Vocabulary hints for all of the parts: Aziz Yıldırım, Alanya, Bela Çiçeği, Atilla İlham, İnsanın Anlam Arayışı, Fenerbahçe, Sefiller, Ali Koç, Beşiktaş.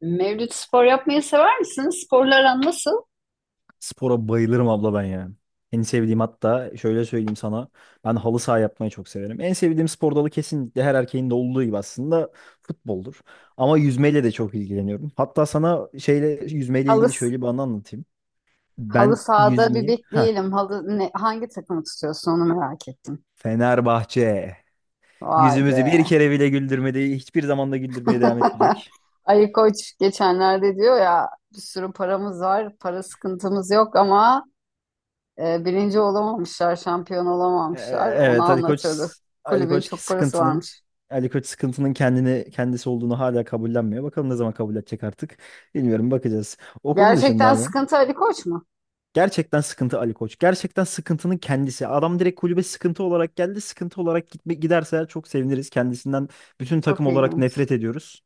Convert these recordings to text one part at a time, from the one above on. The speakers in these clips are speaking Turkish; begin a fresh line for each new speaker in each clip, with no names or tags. Mevlüt spor yapmayı sever misin? Sporlar aran nasıl?
Spora bayılırım abla ben ya. En sevdiğim hatta şöyle söyleyeyim sana. Ben halı saha yapmayı çok severim. En sevdiğim spor dalı kesinlikle her erkeğin de olduğu gibi aslında futboldur. Ama yüzmeyle de çok ilgileniyorum. Hatta sana şeyle yüzmeyle
Halı,
ilgili şöyle bir anı anlatayım.
halı
Ben
sahada bir
yüzmeyi ha
bekleyelim. Hangi takımı tutuyorsun onu merak ettim.
Fenerbahçe
Vay
yüzümüzü bir
be.
kere bile güldürmedi. Hiçbir zaman da güldürmeye devam etmeyecek.
Ali Koç geçenlerde diyor ya bir sürü paramız var, para sıkıntımız yok ama birinci olamamışlar, şampiyon
E- e,
olamamışlar. Onu
Evet.
anlatıyordu.
Ali
Kulübün
Koç
çok parası
sıkıntının
varmış.
Ali Koç sıkıntının kendini kendisi olduğunu hala kabullenmiyor. Bakalım ne zaman kabul edecek artık. Bilmiyorum, bakacağız. O konu dışında
Gerçekten
ama
sıkıntı Ali Koç mu?
gerçekten sıkıntı Ali Koç. Gerçekten sıkıntının kendisi. Adam direkt kulübe sıkıntı olarak geldi. Sıkıntı olarak gitme, giderse çok seviniriz. Kendisinden bütün
Çok
takım olarak
ilginç.
nefret ediyoruz.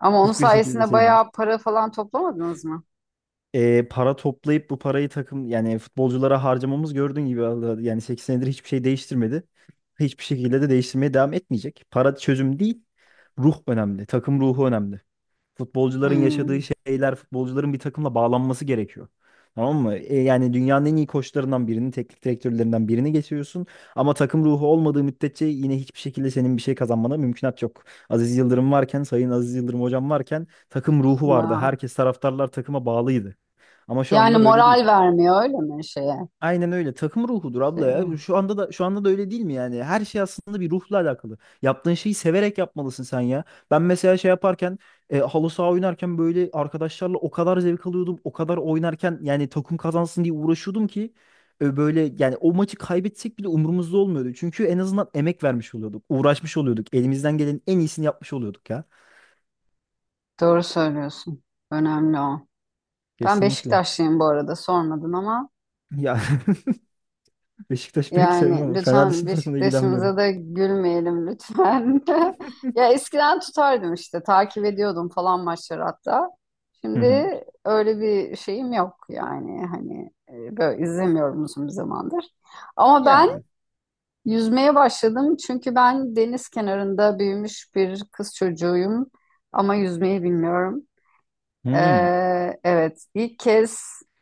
Ama onun
Hiçbir şekilde
sayesinde
sevmiyoruz.
bayağı para falan toplamadınız mı?
Para toplayıp bu parayı takım yani futbolculara harcamamız gördüğün gibi vallahi yani 8 senedir hiçbir şey değiştirmedi. Hiçbir şekilde de değiştirmeye devam etmeyecek. Para çözüm değil. Ruh önemli. Takım ruhu önemli. Futbolcuların yaşadığı
Hmm.
şeyler, futbolcuların bir takımla bağlanması gerekiyor. Tamam mı? Yani dünyanın en iyi koçlarından birini, teknik direktörlerinden birini getiriyorsun. Ama takım ruhu olmadığı müddetçe yine hiçbir şekilde senin bir şey kazanmana mümkünat yok. Aziz Yıldırım varken, Sayın Aziz Yıldırım hocam varken takım ruhu vardı.
Vay.
Herkes, taraftarlar takıma bağlıydı. Ama şu
Yani
anda böyle değil.
moral vermiyor öyle mi şeye?
Aynen öyle. Takım ruhudur abla
Şeye
ya.
mi?
Şu anda da şu anda da öyle değil mi yani? Her şey aslında bir ruhla alakalı. Yaptığın şeyi severek yapmalısın sen ya. Ben mesela şey yaparken halı saha oynarken böyle arkadaşlarla o kadar zevk alıyordum. O kadar oynarken yani takım kazansın diye uğraşıyordum ki böyle yani o maçı kaybetsek bile umurumuzda olmuyordu. Çünkü en azından emek vermiş oluyorduk. Uğraşmış oluyorduk. Elimizden gelenin en iyisini yapmış oluyorduk ya.
Doğru söylüyorsun. Önemli o. Ben
Kesinlikle.
Beşiktaşlıyım bu arada sormadın ama
Ya Beşiktaş pek sevmem
yani
ama Fener
lütfen
dışında takımla
Beşiktaş'ımıza
ilgilenmiyorum.
da gülmeyelim lütfen. Ya eskiden tutardım işte takip ediyordum falan maçları hatta.
Hı
Şimdi
hı.
öyle bir şeyim yok yani hani böyle izlemiyorum uzun bir zamandır. Ama ben
Yani.
yüzmeye başladım çünkü ben deniz kenarında büyümüş bir kız çocuğuyum ama yüzmeyi bilmiyorum. Ee,
Hmm.
evet, ilk kez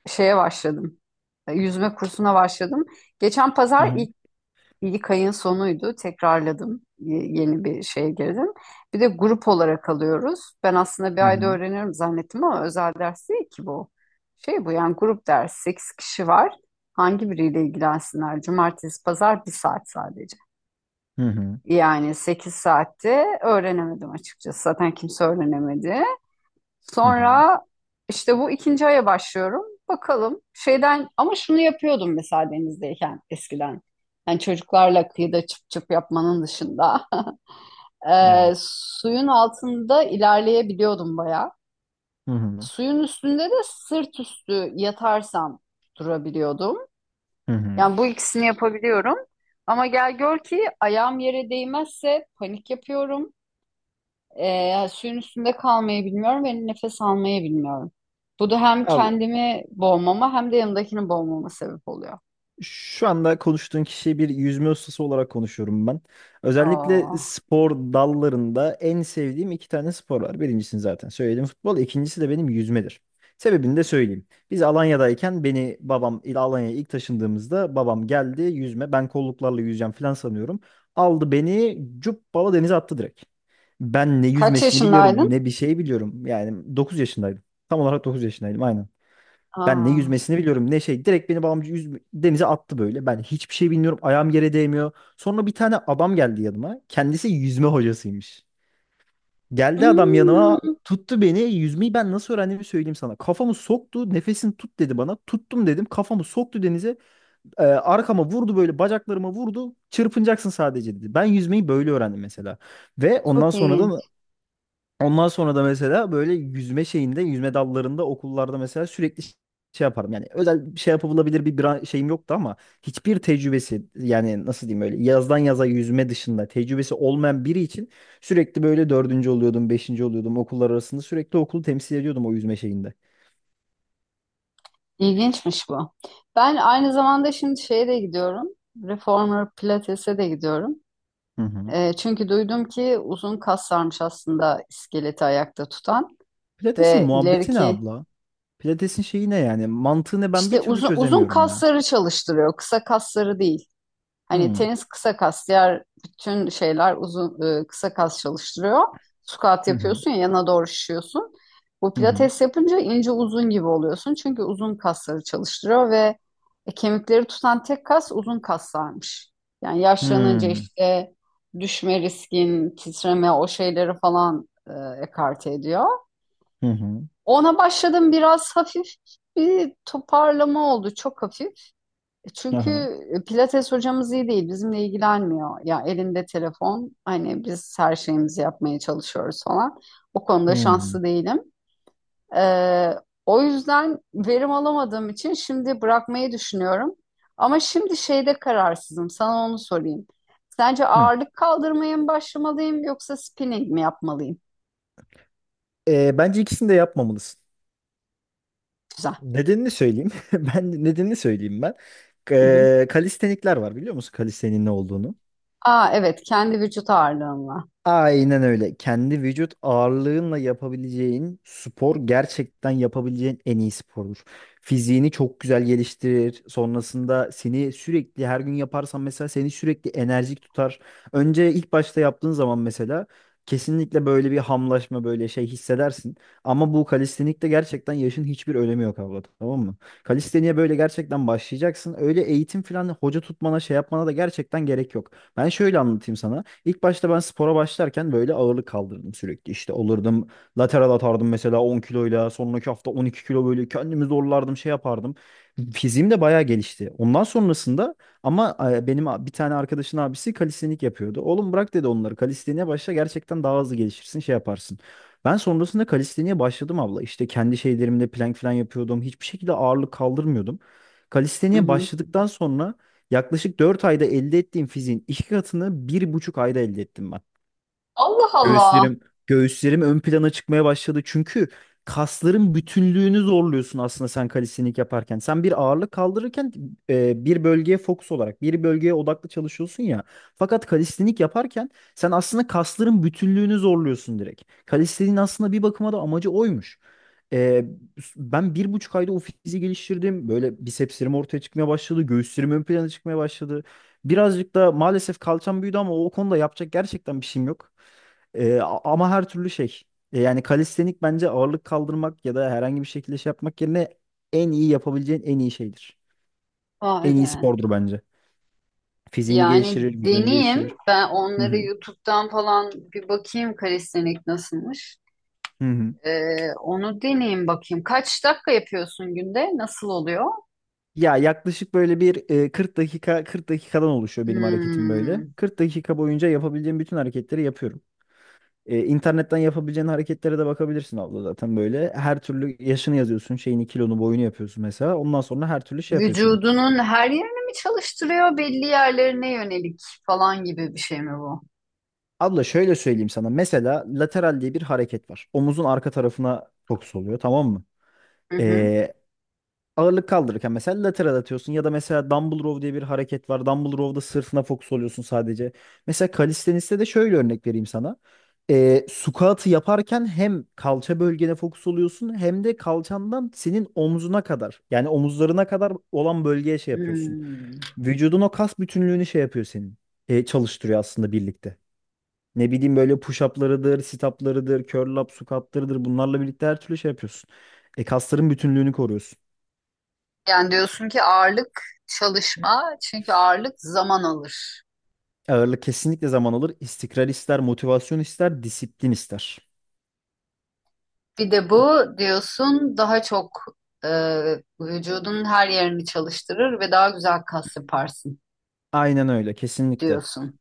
şeye başladım, yüzme kursuna başladım. Geçen
Hı
pazar
hı
ilk, ilk ayın sonuydu, tekrarladım, yeni bir şeye girdim. Bir de grup olarak alıyoruz. Ben aslında bir
hı
ayda
hı
öğrenirim zannettim ama özel ders değil ki bu. Şey bu yani grup ders, 8 kişi var. Hangi biriyle ilgilensinler? Cumartesi, pazar bir saat sadece.
hı hı
Yani 8 saatte öğrenemedim açıkçası. Zaten kimse öğrenemedi.
hı hı.
Sonra işte bu ikinci aya başlıyorum. Bakalım şeyden ama şunu yapıyordum mesela denizdeyken eskiden. Yani çocuklarla kıyıda çıp çıp yapmanın dışında.
Yani.
Suyun altında ilerleyebiliyordum bayağı.
Hı hı
Suyun üstünde de sırt üstü yatarsam durabiliyordum.
hı hı.
Yani bu ikisini yapabiliyorum. Ama gel gör ki ayağım yere değmezse panik yapıyorum. Yani suyun üstünde kalmayı bilmiyorum ve nefes almayı bilmiyorum. Bu da hem
Al
kendimi boğmama hem de yanındakini boğmama sebep oluyor.
Şu anda konuştuğun kişiyi bir yüzme ustası olarak konuşuyorum ben. Özellikle
Aa,
spor dallarında en sevdiğim iki tane spor var. Birincisini zaten söyledim, futbol. İkincisi de benim yüzmedir. Sebebini de söyleyeyim. Biz Alanya'dayken beni babam Alanya'ya ilk taşındığımızda babam geldi yüzme. Ben kolluklarla yüzeceğim falan sanıyorum. Aldı beni cuppala denize attı direkt. Ben ne
kaç
yüzmesini biliyorum
yaşındaydın?
ne bir şey biliyorum. Yani 9 yaşındaydım. Tam olarak 9 yaşındaydım aynen. Ben ne
Aa,
yüzmesini biliyorum ne şey. Direkt beni babamcı denize attı böyle. Ben hiçbir şey bilmiyorum. Ayağım yere değmiyor. Sonra bir tane adam geldi yanıma. Kendisi yüzme hocasıymış. Geldi adam yanıma,
hmm,
tuttu beni. Yüzmeyi ben nasıl öğrendiğimi söyleyeyim sana. Kafamı soktu. Nefesini tut dedi bana. Tuttum dedim. Kafamı soktu denize. Arkama vurdu, böyle bacaklarıma vurdu. Çırpınacaksın sadece dedi. Ben yüzmeyi böyle öğrendim mesela. Ve ondan
çok
sonra
ilginç.
da Ondan sonra da mesela böyle yüzme şeyinde, yüzme dallarında okullarda mesela sürekli şey yaparım. Yani özel bir şey yapabilir bir şeyim yoktu ama hiçbir tecrübesi, yani nasıl diyeyim, öyle yazdan yaza yüzme dışında tecrübesi olmayan biri için sürekli böyle dördüncü oluyordum, beşinci oluyordum, okullar arasında sürekli okulu temsil ediyordum o yüzme şeyinde.
İlginçmiş bu. Ben aynı zamanda şimdi şeye de gidiyorum. Reformer Pilates'e de gidiyorum.
Hı hı.
Çünkü duydum ki uzun kaslarmış aslında iskeleti ayakta tutan
Pilates'in
ve
muhabbeti ne
ileriki
abla? Pilates'in şeyi ne yani? Mantığını ben
işte
bir türlü
uzun
çözemiyorum ya.
kasları çalıştırıyor, kısa kasları değil.
Hı
Hani
hı
tenis kısa kas, diğer bütün şeyler uzun kısa kas çalıştırıyor. Squat
hı
yapıyorsun ya yana doğru şişiyorsun. Bu
hı hı
pilates yapınca ince uzun gibi oluyorsun. Çünkü uzun kasları çalıştırıyor ve kemikleri tutan tek kas uzun kaslarmış. Yani yaşlanınca
hı
işte düşme riskin, titreme o şeyleri falan, ekarte ediyor.
hı hı hı.
Ona başladım biraz hafif bir toparlama oldu çok hafif. Çünkü
Aha.
Pilates hocamız iyi değil, bizimle ilgilenmiyor. Ya elinde telefon, hani biz her şeyimizi yapmaya çalışıyoruz falan. O konuda
Hı.
şanslı değilim. Ee, o yüzden verim alamadığım için şimdi bırakmayı düşünüyorum. Ama şimdi şeyde kararsızım, sana onu sorayım. Sence
Hı.
ağırlık kaldırmaya mı başlamalıyım yoksa spinning mi yapmalıyım?
Bence ikisini de yapmamalısın.
Güzel.
Nedenini söyleyeyim. Ben nedenini söyleyeyim ben.
Hı hı.
Kalistenikler var, biliyor musun kalistenin ne olduğunu?
Aa evet, kendi vücut ağırlığımla.
Aynen öyle. Kendi vücut ağırlığınla yapabileceğin spor gerçekten yapabileceğin en iyi spordur. Fiziğini çok güzel geliştirir. Sonrasında seni sürekli, her gün yaparsan mesela seni sürekli enerjik tutar. Önce ilk başta yaptığın zaman mesela kesinlikle böyle bir hamlaşma, böyle şey hissedersin. Ama bu kalistenikte gerçekten yaşın hiçbir önemi yok abla, tamam mı? Kalisteniye böyle gerçekten başlayacaksın. Öyle eğitim falan, hoca tutmana şey yapmana da gerçekten gerek yok. Ben şöyle anlatayım sana. İlk başta ben spora başlarken böyle ağırlık kaldırdım sürekli. İşte olurdum, lateral atardım mesela 10 kiloyla. Sonraki hafta 12 kilo, böyle kendimi zorlardım şey yapardım. Fiziğim de bayağı gelişti. Ondan sonrasında ama benim bir tane arkadaşın abisi kalistenik yapıyordu. Oğlum, bırak dedi onları, kalisteniğe başla, gerçekten daha hızlı gelişirsin şey yaparsın. Ben sonrasında kalisteniğe başladım abla. İşte kendi şeylerimle plank falan yapıyordum. Hiçbir şekilde ağırlık kaldırmıyordum.
Hı
Kalisteniğe
hı.
başladıktan sonra yaklaşık 4 ayda elde ettiğim fiziğin iki katını 1,5 ayda elde ettim ben.
Allah Allah.
Göğüslerim, göğüslerim ön plana çıkmaya başladı. Çünkü kasların bütünlüğünü zorluyorsun aslında sen kalistenilik yaparken. Sen bir ağırlık kaldırırken bir bölgeye fokus olarak, bir bölgeye odaklı çalışıyorsun ya. Fakat kalistenik yaparken sen aslında kasların bütünlüğünü zorluyorsun direkt. Kalisteniğin aslında bir bakıma da amacı oymuş. E, Ben 1,5 ayda o fiziği geliştirdim. Böyle bisepslerim ortaya çıkmaya başladı. Göğüslerim ön plana çıkmaya başladı. Birazcık da maalesef kalçam büyüdü ama o konuda yapacak gerçekten bir şeyim yok. Ama her türlü şey. Yani kalistenik bence ağırlık kaldırmak ya da herhangi bir şekilde şey yapmak yerine en iyi yapabileceğin en iyi şeydir.
Vay
En iyi
be.
spordur bence. Fiziğini
Yani
geliştirir, vücudunu geliştirir.
deneyeyim. Ben
Hı
onları
hı.
YouTube'dan falan bir bakayım kalistenik nasılmış.
Hı hı.
Onu deneyeyim bakayım. Kaç dakika yapıyorsun günde? Nasıl oluyor?
Ya yaklaşık böyle bir 40 dakika, 40 dakikadan oluşuyor benim hareketim böyle.
Hmm.
40 dakika boyunca yapabileceğim bütün hareketleri yapıyorum. İnternetten yapabileceğin hareketlere de bakabilirsin abla zaten böyle. Her türlü yaşını yazıyorsun, şeyini, kilonu, boyunu yapıyorsun mesela. Ondan sonra her türlü şey yapıyorsun.
Vücudunun her yerini mi çalıştırıyor? Belli yerlerine yönelik falan gibi bir şey mi bu?
Abla şöyle söyleyeyim sana. Mesela lateral diye bir hareket var. Omuzun arka tarafına fokus oluyor, tamam mı?
Hı hı.
Ee, Ağırlık kaldırırken mesela lateral atıyorsun ya da mesela dumbbell row diye bir hareket var. Dumbbell row'da sırtına fokus oluyorsun sadece. Mesela kalisteniste de şöyle örnek vereyim sana. Squat'ı yaparken hem kalça bölgene fokus oluyorsun hem de kalçandan senin omzuna kadar, yani omuzlarına kadar olan bölgeye şey yapıyorsun.
Hmm.
Vücudun o kas bütünlüğünü şey yapıyor senin. Çalıştırıyor aslında birlikte. Ne bileyim böyle push-up'larıdır, sit-up'larıdır, curl up, squat'larıdır. Bunlarla birlikte her türlü şey yapıyorsun. Kasların bütünlüğünü koruyorsun.
Yani diyorsun ki ağırlık çalışma çünkü ağırlık zaman alır.
Ağırlık kesinlikle zaman alır. İstikrar ister, motivasyon ister, disiplin ister.
Bir de bu diyorsun daha çok e, vücudun her yerini çalıştırır ve daha güzel kas yaparsın
Aynen öyle, kesinlikle.
diyorsun.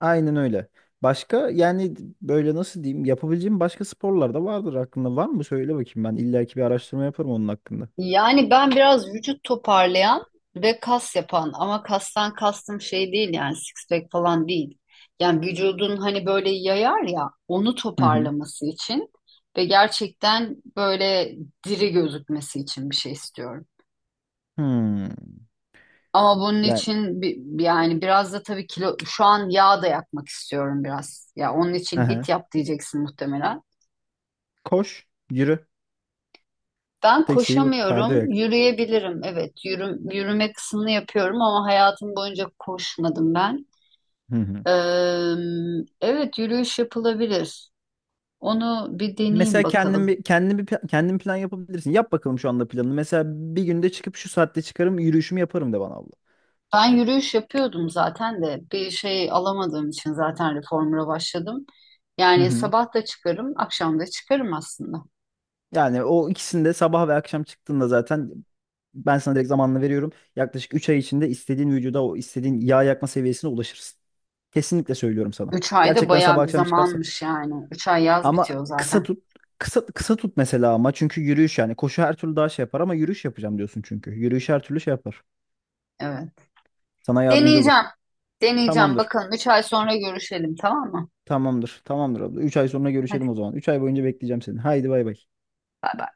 Aynen öyle. Başka, yani böyle nasıl diyeyim, yapabileceğim başka sporlar da vardır aklında. Var mı? Söyle bakayım ben. İlla ki bir araştırma yaparım onun hakkında.
Yani ben biraz vücut toparlayan ve kas yapan ama kastan kastım şey değil yani six pack falan değil. Yani vücudun hani böyle yayar ya onu
Hı hı.
toparlaması için ve gerçekten böyle diri gözükmesi için bir şey istiyorum.
Hmm.
Ama bunun
Yani.
için yani biraz da tabii kilo şu an yağ da yakmak istiyorum biraz. Ya onun için
Aha.
hit yap diyeceksin muhtemelen.
Koş, yürü.
Ben
Tek şeyi bu. Kardiyo
koşamıyorum,
yak.
yürüyebilirim. Evet, yürü, yürüme kısmını yapıyorum ama hayatım boyunca koşmadım ben.
Hı hı.
Eee, evet, yürüyüş yapılabilir. Onu bir deneyeyim
Mesela kendin
bakalım.
bir kendin bir kendin plan yapabilirsin. Yap bakalım şu anda planını. Mesela bir günde çıkıp şu saatte çıkarım, yürüyüşümü yaparım de bana abla.
Ben yürüyüş yapıyordum zaten de bir şey alamadığım için zaten reformer'a başladım.
Hı
Yani
hı.
sabah da çıkarım, akşam da çıkarım aslında.
Yani o ikisinde, sabah ve akşam çıktığında zaten ben sana direkt zamanını veriyorum. Yaklaşık 3 ay içinde istediğin vücuda, o istediğin yağ yakma seviyesine ulaşırsın. Kesinlikle söylüyorum sana.
3 ayda
Gerçekten
bayağı
sabah
bir
akşam çıkarsa.
zamanmış yani. 3 ay yaz
Ama
bitiyor
kısa
zaten.
tut. Kısa, kısa tut mesela, ama çünkü yürüyüş, yani koşu her türlü daha şey yapar ama yürüyüş yapacağım diyorsun çünkü. Yürüyüş her türlü şey yapar.
Evet.
Sana yardımcı olur.
Deneyeceğim. Deneyeceğim.
Tamamdır.
Bakalım 3 ay sonra görüşelim tamam mı?
Tamamdır. Tamamdır abla. 3 ay sonra
Hadi
görüşelim o zaman. 3 ay boyunca bekleyeceğim seni. Haydi bay bay.
bay bay.